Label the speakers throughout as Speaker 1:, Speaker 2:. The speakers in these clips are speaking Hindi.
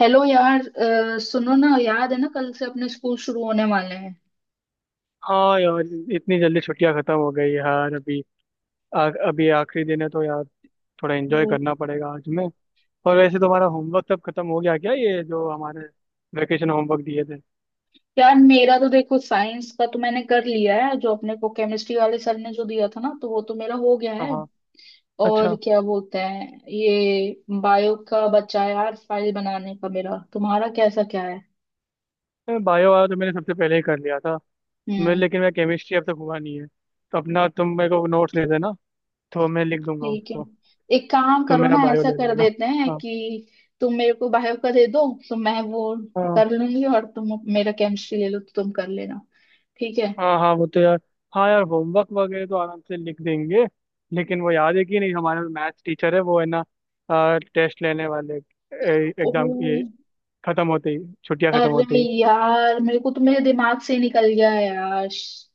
Speaker 1: हेलो यार, सुनो ना, याद है ना कल से अपने स्कूल शुरू होने वाले हैं।
Speaker 2: हाँ यार। इतनी जल्दी छुट्टियां खत्म हो गई यार। अभी अभी आखिरी दिन है तो यार थोड़ा एंजॉय
Speaker 1: वो-
Speaker 2: करना पड़ेगा आज में। और वैसे तुम्हारा होमवर्क तब खत्म हो गया क्या, ये जो हमारे वेकेशन होमवर्क दिए थे?
Speaker 1: यार मेरा तो देखो, साइंस का तो मैंने कर लिया है जो अपने को केमिस्ट्री वाले सर ने जो दिया था ना, तो वो तो मेरा हो गया
Speaker 2: हाँ
Speaker 1: है।
Speaker 2: हाँ।
Speaker 1: और
Speaker 2: अच्छा।
Speaker 1: क्या बोलते हैं, ये बायो का बचा है यार, फाइल बनाने का। मेरा तुम्हारा कैसा क्या है?
Speaker 2: मैं बायो वाला तो मैंने सबसे पहले ही कर लिया था। मैं
Speaker 1: हम्म,
Speaker 2: लेकिन मैं केमिस्ट्री अब तक हुआ नहीं है, तो अपना तुम मेरे को नोट्स दे देना, तो मैं लिख दूंगा
Speaker 1: ठीक है।
Speaker 2: उसको।
Speaker 1: एक काम
Speaker 2: तुम
Speaker 1: करो
Speaker 2: मेरा
Speaker 1: ना,
Speaker 2: बायो
Speaker 1: ऐसा
Speaker 2: ले
Speaker 1: कर
Speaker 2: लेना।
Speaker 1: देते हैं
Speaker 2: हाँ।
Speaker 1: कि तुम मेरे को बायो का दे दो, तो मैं वो
Speaker 2: हाँ।
Speaker 1: कर लूंगी, और तुम मेरा केमिस्ट्री ले लो, तो तुम कर लेना, ठीक है।
Speaker 2: हाँ हाँ, वो तो यार। हाँ यार, होमवर्क वगैरह तो आराम से लिख देंगे। लेकिन वो याद है कि नहीं, हमारा मैथ्स टीचर है वो, है ना, टेस्ट लेने वाले?
Speaker 1: ओ,
Speaker 2: एग्जाम ये खत्म होते ही, छुट्टियां खत्म होते
Speaker 1: अरे
Speaker 2: ही।
Speaker 1: यार मेरे को तो मेरे दिमाग से ही निकल गया है यार।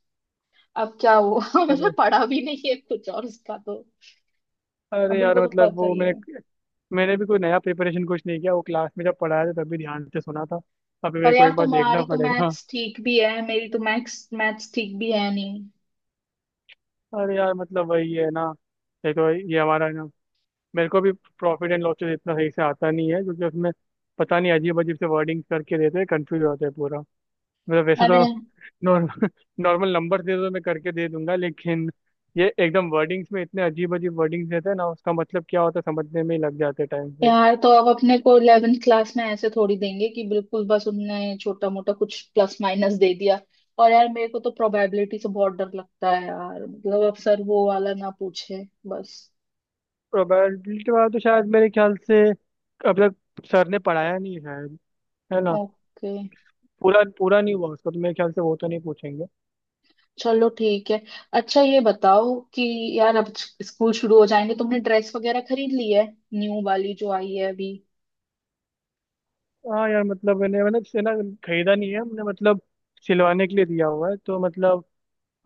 Speaker 1: अब क्या हुआ मैंने
Speaker 2: अरे।
Speaker 1: पढ़ा भी नहीं है कुछ, और उसका तो, और
Speaker 2: अरे यार
Speaker 1: तुमको तो
Speaker 2: मतलब
Speaker 1: पता
Speaker 2: वो
Speaker 1: ही
Speaker 2: मैंने
Speaker 1: है।
Speaker 2: मैंने भी कोई नया प्रिपरेशन कुछ नहीं किया। वो क्लास में जब पढ़ाया था तभी ध्यान से सुना था। अभी मेरे
Speaker 1: पर
Speaker 2: को
Speaker 1: यार
Speaker 2: एक बार देखना
Speaker 1: तुम्हारी तो
Speaker 2: पड़ेगा।
Speaker 1: मैथ्स ठीक भी है, मेरी तो मैथ्स मैथ्स ठीक भी है नहीं।
Speaker 2: अरे यार मतलब वही है ना। देखो ये हमारा है ना, मेरे को भी प्रॉफिट एंड लॉसेस इतना सही से आता नहीं है, क्योंकि उसमें पता नहीं अजीब अजीब से वर्डिंग करके देते हैं, कंफ्यूज होते हैं पूरा। मतलब वैसे तो
Speaker 1: अरे
Speaker 2: नॉर्मल नॉर्मल नंबर दे दो मैं करके दे दूंगा, लेकिन ये एकदम वर्डिंग्स में इतने अजीब अजीब वर्डिंग्स देते हैं ना, उसका मतलब क्या होता है समझने में ही लग जाते टाइम पे।
Speaker 1: यार, तो अब अपने को 11th क्लास में ऐसे थोड़ी देंगे कि बिल्कुल बस उनने छोटा मोटा कुछ प्लस माइनस दे दिया। और यार मेरे को तो प्रोबेबिलिटी से बहुत डर लगता है यार, मतलब अब सर वो वाला ना पूछे बस।
Speaker 2: प्रोबेबिलिटी वाला तो शायद मेरे ख्याल से अब तक सर ने पढ़ाया नहीं है शायद, है ना?
Speaker 1: ओके,
Speaker 2: पूरा पूरा नहीं हुआ उसका, तो मेरे ख्याल से वो तो नहीं पूछेंगे।
Speaker 1: चलो ठीक है। अच्छा ये बताओ कि यार अब स्कूल शुरू हो जाएंगे, तुमने ड्रेस वगैरह खरीद ली है? न्यू वाली जो आई है अभी।
Speaker 2: हाँ यार मतलब मैंने मैंने से ना, खरीदा नहीं है हमने। मतलब सिलवाने के लिए दिया हुआ है, तो मतलब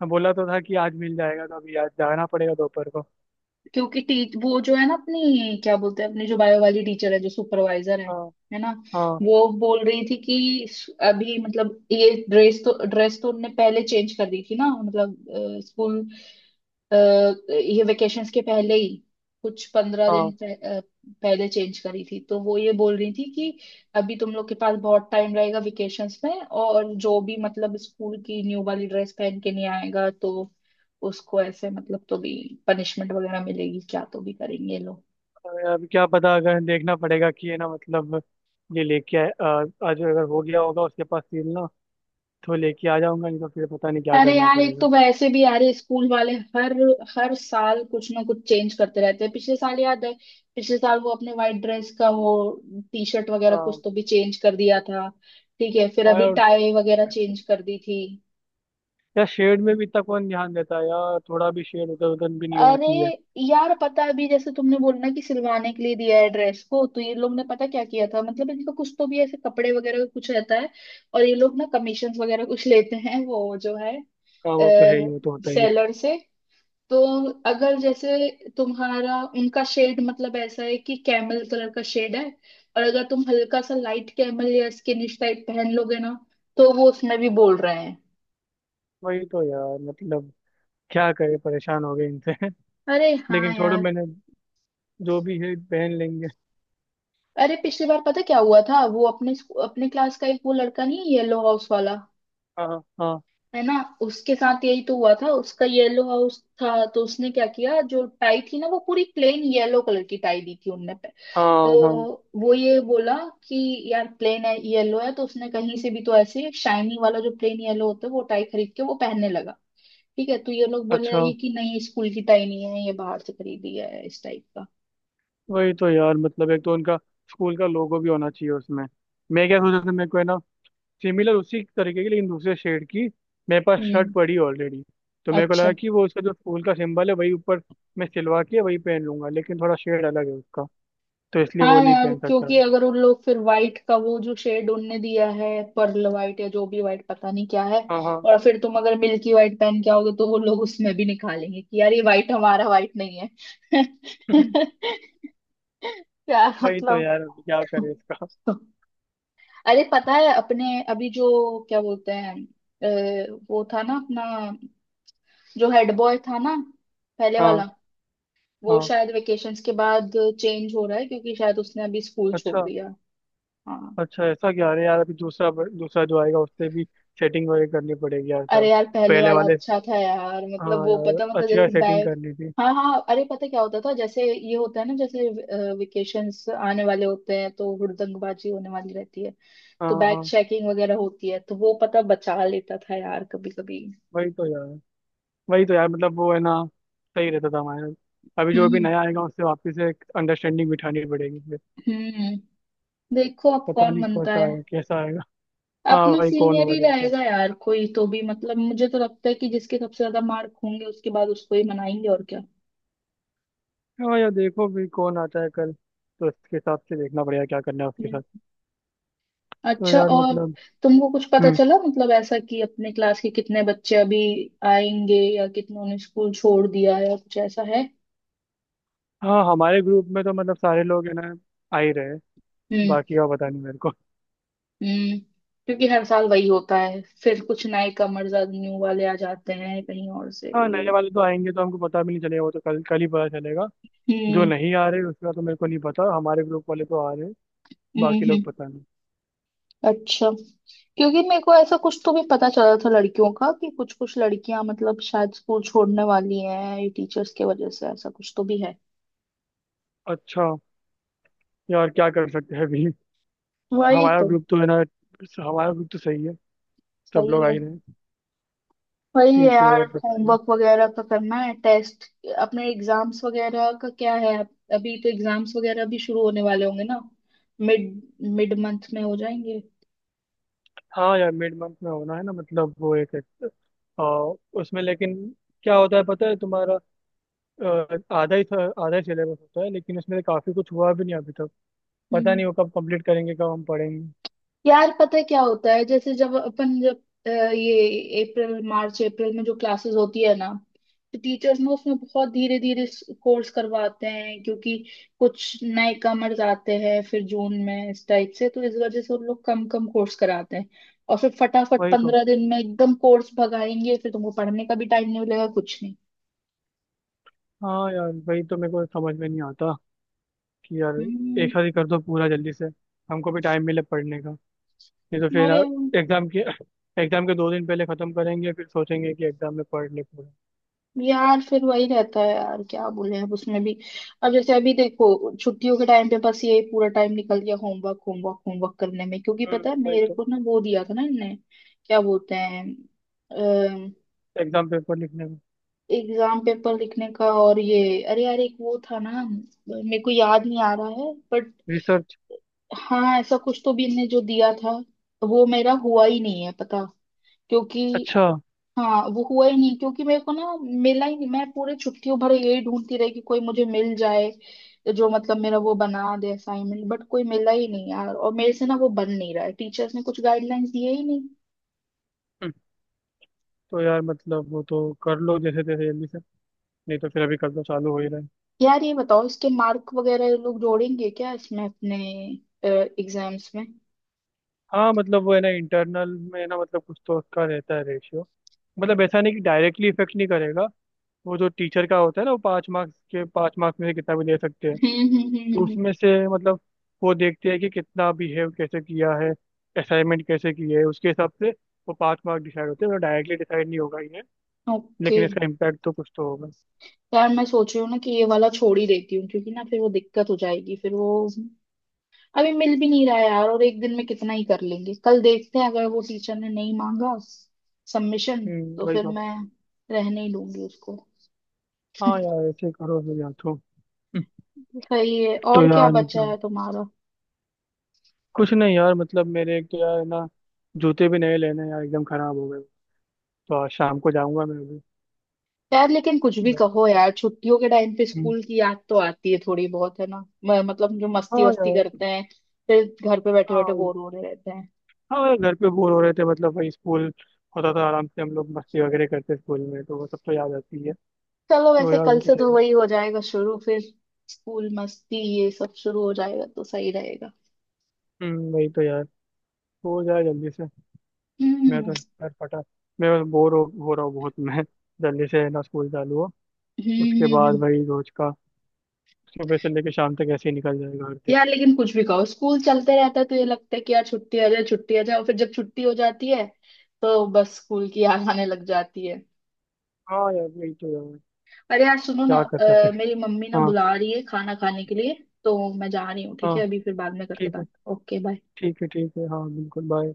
Speaker 2: बोला तो था कि आज मिल जाएगा, तो अभी आज जाना पड़ेगा दोपहर को।
Speaker 1: क्योंकि टी, वो जो है ना, अपनी क्या बोलते हैं, अपनी जो बायो वाली टीचर है, जो सुपरवाइजर है
Speaker 2: हाँ।
Speaker 1: है ना,
Speaker 2: हाँ।
Speaker 1: वो बोल रही थी कि अभी मतलब ये ड्रेस तो उनने पहले चेंज कर दी थी ना, मतलब अ, ये वेकेशंस के पहले ही कुछ 15 दिन
Speaker 2: हाँ।
Speaker 1: अ, पहले चेंज करी थी। तो वो ये बोल रही थी कि अभी तुम लोग के पास बहुत टाइम रहेगा वेकेशंस में, और जो भी मतलब स्कूल की न्यू वाली ड्रेस पहन के नहीं आएगा, तो उसको ऐसे मतलब, तो भी पनिशमेंट वगैरह मिलेगी क्या, तो भी करेंगे ये लोग।
Speaker 2: अब क्या पता, अगर देखना पड़ेगा कि है ना मतलब, ये लेके आए आज अगर हो गया होगा उसके पास सील ना, तो लेके आ जाऊंगा, नहीं तो फिर पता नहीं क्या
Speaker 1: अरे
Speaker 2: करना
Speaker 1: यार एक
Speaker 2: पड़ेगा।
Speaker 1: तो वैसे भी यार ये स्कूल वाले हर हर साल कुछ ना कुछ चेंज करते रहते हैं। पिछले साल याद है, पिछले साल वो अपने वाइट ड्रेस का वो टी शर्ट वगैरह कुछ
Speaker 2: हाँ।
Speaker 1: तो भी चेंज कर दिया था। ठीक है, फिर
Speaker 2: हाँ
Speaker 1: अभी
Speaker 2: यार।
Speaker 1: टाई वगैरह चेंज कर दी थी।
Speaker 2: यार शेड में भी इतना कौन ध्यान देता है यार, थोड़ा भी शेड उधर उधर भी नहीं होना
Speaker 1: अरे
Speaker 2: चाहिए।
Speaker 1: यार पता है, अभी जैसे तुमने बोलना कि सिलवाने के लिए दिया है ड्रेस को, तो ये लोग ने पता क्या किया था, मतलब इनका कुछ तो भी ऐसे कपड़े वगैरह का कुछ रहता है, और ये लोग ना कमीशन वगैरह कुछ लेते हैं, वो जो है
Speaker 2: हाँ, वो तो है ही, वो तो होता ही है।
Speaker 1: सेलर से। तो अगर जैसे तुम्हारा उनका शेड मतलब ऐसा है कि कैमल कलर का शेड है, और अगर तुम हल्का सा लाइट कैमल या स्किनिश टाइप पहन लोगे ना, तो वो उसमें भी बोल रहे हैं।
Speaker 2: वही तो यार, मतलब क्या करे, परेशान हो गए इनसे।
Speaker 1: अरे हाँ
Speaker 2: लेकिन छोड़ो,
Speaker 1: यार।
Speaker 2: मैंने जो भी है पहन लेंगे।
Speaker 1: अरे पिछली बार पता क्या हुआ था, वो अपने अपने क्लास का एक वो लड़का, नहीं येलो हाउस वाला,
Speaker 2: हाँ। हाँ।
Speaker 1: है ना, उसके साथ यही तो हुआ था। उसका येलो हाउस था, तो उसने क्या किया, जो टाई थी ना, वो पूरी प्लेन येलो कलर की टाई दी थी उनने पे।
Speaker 2: हाँ।
Speaker 1: तो
Speaker 2: हाँ।
Speaker 1: वो ये बोला कि यार प्लेन है येलो है, तो उसने कहीं से भी तो ऐसे शाइनी वाला जो प्लेन येलो होता है, वो टाई खरीद के वो पहनने लगा। ठीक है, तो ये लोग बोलने
Speaker 2: अच्छा।
Speaker 1: लगे कि नहीं, स्कूल की टाई नहीं है ये, बाहर से खरीदी है इस टाइप का।
Speaker 2: वही तो यार मतलब, एक तो उनका स्कूल का लोगो भी होना चाहिए उसमें। मैं क्या सोच रहा था मेरे को है ना, सिमिलर उसी तरीके की, लेकिन दूसरे शेड की। मेरे पास शर्ट
Speaker 1: हम्म,
Speaker 2: पड़ी ऑलरेडी, तो मेरे को
Speaker 1: अच्छा।
Speaker 2: लगा कि वो उसका जो फूल का सिंबल है वही ऊपर, मैं सिलवा के वही पहन लूंगा, लेकिन थोड़ा शेड अलग है उसका, तो इसलिए वो
Speaker 1: हाँ
Speaker 2: नहीं
Speaker 1: यार,
Speaker 2: पहन सकता
Speaker 1: क्योंकि
Speaker 2: मैं।
Speaker 1: अगर उन लोग फिर व्हाइट का वो जो शेड उनने दिया है, पर्ल व्हाइट या जो भी व्हाइट पता नहीं क्या है,
Speaker 2: हाँ। हाँ।
Speaker 1: और फिर तुम अगर मिल्की व्हाइट पहन के आओगे, तो वो लोग उसमें भी निकालेंगे कि यार ये व्हाइट हमारा व्हाइट नहीं है। यार
Speaker 2: वही तो
Speaker 1: मतलब,
Speaker 2: यार, अब क्या करें इसका।
Speaker 1: अरे पता है अपने अभी जो क्या बोलते हैं, वो था ना अपना जो हेड बॉय था ना, पहले वाला,
Speaker 2: हाँ।
Speaker 1: वो
Speaker 2: हाँ।
Speaker 1: शायद वेकेशंस के बाद चेंज हो रहा है, क्योंकि शायद उसने अभी स्कूल छोड़
Speaker 2: अच्छा।
Speaker 1: दिया। हाँ।
Speaker 2: अच्छा ऐसा क्या? अरे यार, अभी दूसरा दूसरा जो आएगा उससे भी सेटिंग वगैरह करनी पड़ेगी यार
Speaker 1: अरे
Speaker 2: सब।
Speaker 1: यार, पहले
Speaker 2: पहले
Speaker 1: वाला
Speaker 2: वाले।
Speaker 1: अच्छा था यार, मतलब
Speaker 2: हाँ
Speaker 1: वो पता,
Speaker 2: यार,
Speaker 1: मतलब
Speaker 2: अच्छी यार
Speaker 1: जैसे
Speaker 2: सेटिंग
Speaker 1: बैग,
Speaker 2: करनी थी।
Speaker 1: हाँ हाँ, अरे पता क्या होता था, जैसे ये होता है ना, जैसे वेकेशंस आने वाले होते हैं तो हुड़दंगबाजी होने वाली रहती है,
Speaker 2: हाँ।
Speaker 1: तो बैग
Speaker 2: हाँ,
Speaker 1: चेकिंग वगैरह होती है, तो वो पता बचा लेता था यार कभी कभी।
Speaker 2: वही तो यार, वही तो यार मतलब वो है ना, सही रहता था हमारे। अभी जो भी
Speaker 1: हम्म
Speaker 2: नया आएगा उससे वापस से एक अंडरस्टैंडिंग बिठानी पड़ेगी फिर।
Speaker 1: हम्म, देखो अब
Speaker 2: पता
Speaker 1: कौन
Speaker 2: नहीं
Speaker 1: बनता
Speaker 2: कैसा
Speaker 1: है।
Speaker 2: है कैसा आएगा। हाँ,
Speaker 1: अपना
Speaker 2: वही कौन
Speaker 1: सीनियर
Speaker 2: होगा
Speaker 1: ही
Speaker 2: देखते हैं।
Speaker 1: रहेगा यार कोई तो भी, मतलब मुझे तो लगता है कि जिसके सबसे ज्यादा मार्क होंगे, उसके बाद उसको ही मनाएंगे, और क्या।
Speaker 2: हाँ यार, देखो भी कौन आता है कल, तो उसके हिसाब से देखना पड़ेगा क्या करना है उसके
Speaker 1: हम्म।
Speaker 2: साथ। तो
Speaker 1: अच्छा,
Speaker 2: यार
Speaker 1: और
Speaker 2: मतलब।
Speaker 1: तुमको कुछ पता
Speaker 2: हम्म।
Speaker 1: चला मतलब ऐसा कि अपने क्लास के कितने बच्चे अभी आएंगे, या कितनों ने स्कूल छोड़ दिया, या कुछ ऐसा है?
Speaker 2: हाँ, हमारे ग्रुप में तो मतलब सारे लोग है ना, आ ही रहे हैं।
Speaker 1: हम्म
Speaker 2: बाकी का पता नहीं मेरे को।
Speaker 1: हम्म, क्योंकि हर साल वही होता है, फिर कुछ नए कमर्स न्यू वाले आ जाते हैं कहीं और से।
Speaker 2: हाँ,
Speaker 1: ये,
Speaker 2: नए वाले तो आएंगे तो हमको पता भी नहीं चलेगा, वो तो कल कल ही पता चलेगा। जो
Speaker 1: हम्म
Speaker 2: नहीं आ रहे उसका तो मेरे को नहीं पता, हमारे ग्रुप वाले तो आ रहे हैं।
Speaker 1: हम्म,
Speaker 2: बाकी लोग पता नहीं।
Speaker 1: अच्छा, क्योंकि मेरे को ऐसा कुछ तो भी पता चला था लड़कियों का कि कुछ कुछ लड़कियां मतलब शायद स्कूल छोड़ने वाली हैं, ये टीचर्स के वजह से ऐसा कुछ तो भी है।
Speaker 2: अच्छा। यार क्या कर सकते हैं अभी।
Speaker 1: वही
Speaker 2: हमारा
Speaker 1: तो,
Speaker 2: ग्रुप तो है ना, हमारा ग्रुप तो सही है। सब लोग
Speaker 1: सही
Speaker 2: आ
Speaker 1: है।
Speaker 2: ही रहे हैं।
Speaker 1: वही है
Speaker 2: ठीक है,
Speaker 1: यार,
Speaker 2: और बताइए।
Speaker 1: होमवर्क वगैरह का करना है, टेस्ट, अपने एग्जाम्स वगैरह का क्या है, अभी तो एग्जाम्स वगैरह भी शुरू होने वाले होंगे ना। मिड मिड मंथ में हो जाएंगे।
Speaker 2: हाँ यार, मिड मंथ में होना है ना। मतलब वो एक एक, आ, उसमें लेकिन क्या होता है पता है तुम्हारा, आधा ही आधा ही सिलेबस होता है, लेकिन उसमें काफी कुछ हुआ भी नहीं अभी तक। पता
Speaker 1: हम्म।
Speaker 2: नहीं वो कब कंप्लीट करेंगे, कब हम पढ़ेंगे।
Speaker 1: यार पता है क्या होता है, जैसे जब अपन जब ये अप्रैल, मार्च अप्रैल में जो क्लासेस होती है ना, तो टीचर्स ना उसमें बहुत धीरे धीरे कोर्स करवाते हैं, क्योंकि कुछ नए कमर्स आते हैं फिर जून में इस टाइप से, तो इस वजह से उन लोग कम कम कोर्स कराते हैं। और फिर फटाफट
Speaker 2: वही तो।
Speaker 1: 15 दिन में एकदम कोर्स भगाएंगे, फिर तुमको पढ़ने का भी टाइम नहीं मिलेगा कुछ नहीं।
Speaker 2: हाँ यार वही तो, मेरे को समझ में नहीं आता कि यार, एक
Speaker 1: हम्म।
Speaker 2: साथ ही कर दो पूरा जल्दी से, हमको भी टाइम मिले पढ़ने का। नहीं तो फिर
Speaker 1: अरे
Speaker 2: एग्जाम के एग्जाम के दो दिन पहले खत्म करेंगे, फिर सोचेंगे कि एग्जाम में पढ़ ले पूरा।
Speaker 1: यार, फिर वही रहता है यार, क्या बोले अब उसमें भी। अब जैसे अभी देखो, छुट्टियों के टाइम पे बस यही पूरा टाइम निकल गया, होमवर्क होमवर्क होमवर्क करने में, क्योंकि
Speaker 2: हम्म।
Speaker 1: पता है
Speaker 2: वही
Speaker 1: मेरे
Speaker 2: तो।
Speaker 1: को ना वो दिया था ना इनने, क्या बोलते हैं, अम,
Speaker 2: एग्जाम पेपर लिखने में।
Speaker 1: एग्जाम पेपर लिखने का, और ये, अरे यार एक वो था ना, मेरे को याद नहीं आ रहा है बट,
Speaker 2: रिसर्च।
Speaker 1: हाँ ऐसा कुछ तो भी इनने जो दिया था, वो मेरा हुआ ही नहीं है पता, क्योंकि,
Speaker 2: अच्छा।
Speaker 1: हाँ वो हुआ ही नहीं, क्योंकि मेरे को ना मिला ही नहीं, मैं पूरे छुट्टियों भर यही ढूंढती रही कि कोई मुझे मिल जाए जो मतलब मेरा वो बना दे असाइनमेंट, बट कोई मिला ही नहीं यार, और मेरे से ना वो बन नहीं रहा है, टीचर्स ने कुछ गाइडलाइंस दिए ही नहीं।
Speaker 2: हम्म। तो यार मतलब वो तो कर लो जैसे तैसे जल्दी से, नहीं तो फिर अभी कल तो चालू हो ही रहा है।
Speaker 1: यार ये बताओ, इसके मार्क वगैरह ये लोग जोड़ेंगे क्या इसमें अपने एग्जाम्स में?
Speaker 2: हाँ, मतलब वो है ना इंटरनल में ना, मतलब कुछ तो उसका रहता है रेशियो। मतलब ऐसा नहीं कि डायरेक्टली इफेक्ट नहीं करेगा। वो जो टीचर का होता है ना, वो पाँच मार्क्स में से कितना भी दे सकते हैं। तो
Speaker 1: हम्म,
Speaker 2: उसमें से मतलब वो देखते हैं कि कितना बिहेव कैसे किया है, असाइनमेंट कैसे किए है, उसके हिसाब से वो पास मार्क डिसाइड होते हैं, डायरेक्टली डिसाइड नहीं होगा ये।
Speaker 1: ओके।
Speaker 2: लेकिन इसका इम्पैक्ट तो कुछ तो होगा।
Speaker 1: यार मैं सोच रही हूँ ना कि ये वाला छोड़ ही देती हूँ, क्योंकि ना फिर वो दिक्कत हो जाएगी, फिर वो अभी मिल भी नहीं रहा है यार, और एक दिन में कितना ही कर लेंगे, कल देखते हैं अगर वो टीचर ने नहीं मांगा सबमिशन,
Speaker 2: हम्म।
Speaker 1: तो
Speaker 2: वही
Speaker 1: फिर
Speaker 2: तो।
Speaker 1: मैं रहने ही दूंगी उसको।
Speaker 2: हाँ यार ऐसे ही करो फिर यार तो।
Speaker 1: सही है,
Speaker 2: तो
Speaker 1: और क्या
Speaker 2: यार
Speaker 1: बचा
Speaker 2: मतलब,
Speaker 1: है तुम्हारा?
Speaker 2: कुछ नहीं यार, मतलब मेरे, एक तो यार ना, जूते भी नए लेने हैं यार, एकदम खराब हो गए। तो आज शाम को जाऊंगा मैं भी।
Speaker 1: यार लेकिन कुछ भी
Speaker 2: घर।
Speaker 1: कहो यार, छुट्टियों के टाइम पे
Speaker 2: हम्म।
Speaker 1: स्कूल की याद तो आती है थोड़ी बहुत, है ना? मतलब जो मस्ती
Speaker 2: हाँ
Speaker 1: वस्ती
Speaker 2: यार।
Speaker 1: करते हैं, फिर घर पे बैठे बैठे
Speaker 2: हाँ।
Speaker 1: बोर हो रहे रहते हैं।
Speaker 2: हाँ यार, घर पे बोर हो रहे थे, मतलब वही स्कूल होता था आराम से, हम लोग मस्ती वगैरह करते स्कूल में, तो वो सब तो याद आती है।
Speaker 1: चलो,
Speaker 2: तो
Speaker 1: वैसे
Speaker 2: यार
Speaker 1: कल
Speaker 2: वो तो
Speaker 1: से तो
Speaker 2: सही है।
Speaker 1: वही हो जाएगा शुरू फिर, स्कूल मस्ती ये सब शुरू हो जाएगा तो सही रहेगा।
Speaker 2: वही तो यार, हो जाए जल्दी से। मैं
Speaker 1: हम्म,
Speaker 2: तो यार फटा, मैं बस बोर हो रहा हूँ बहुत। मैं जल्दी से है ना स्कूल चालू हो।
Speaker 1: हम्म
Speaker 2: उसके बाद
Speaker 1: हम्म।
Speaker 2: वही रोज का सुबह से लेकर शाम तक ऐसे ही निकल जाएगा हर दिन।
Speaker 1: यार लेकिन कुछ भी कहो स्कूल चलते रहता है, तो ये लगता है कि यार छुट्टी आ जाए, छुट्टी आ जाए, और फिर जब छुट्टी हो जाती है, तो बस स्कूल की याद आने लग जाती है।
Speaker 2: हाँ यार, वही तो यार,
Speaker 1: अरे यार सुनो ना,
Speaker 2: क्या कर सकते हैं।
Speaker 1: मेरी मम्मी ना
Speaker 2: हाँ।
Speaker 1: बुला रही है खाना खाने के लिए, तो मैं जा रही हूँ, ठीक है
Speaker 2: हाँ।
Speaker 1: अभी, फिर बाद में करते
Speaker 2: ठीक है,
Speaker 1: बात, ओके बाय।
Speaker 2: ठीक है, ठीक है। हाँ बिल्कुल, बाय।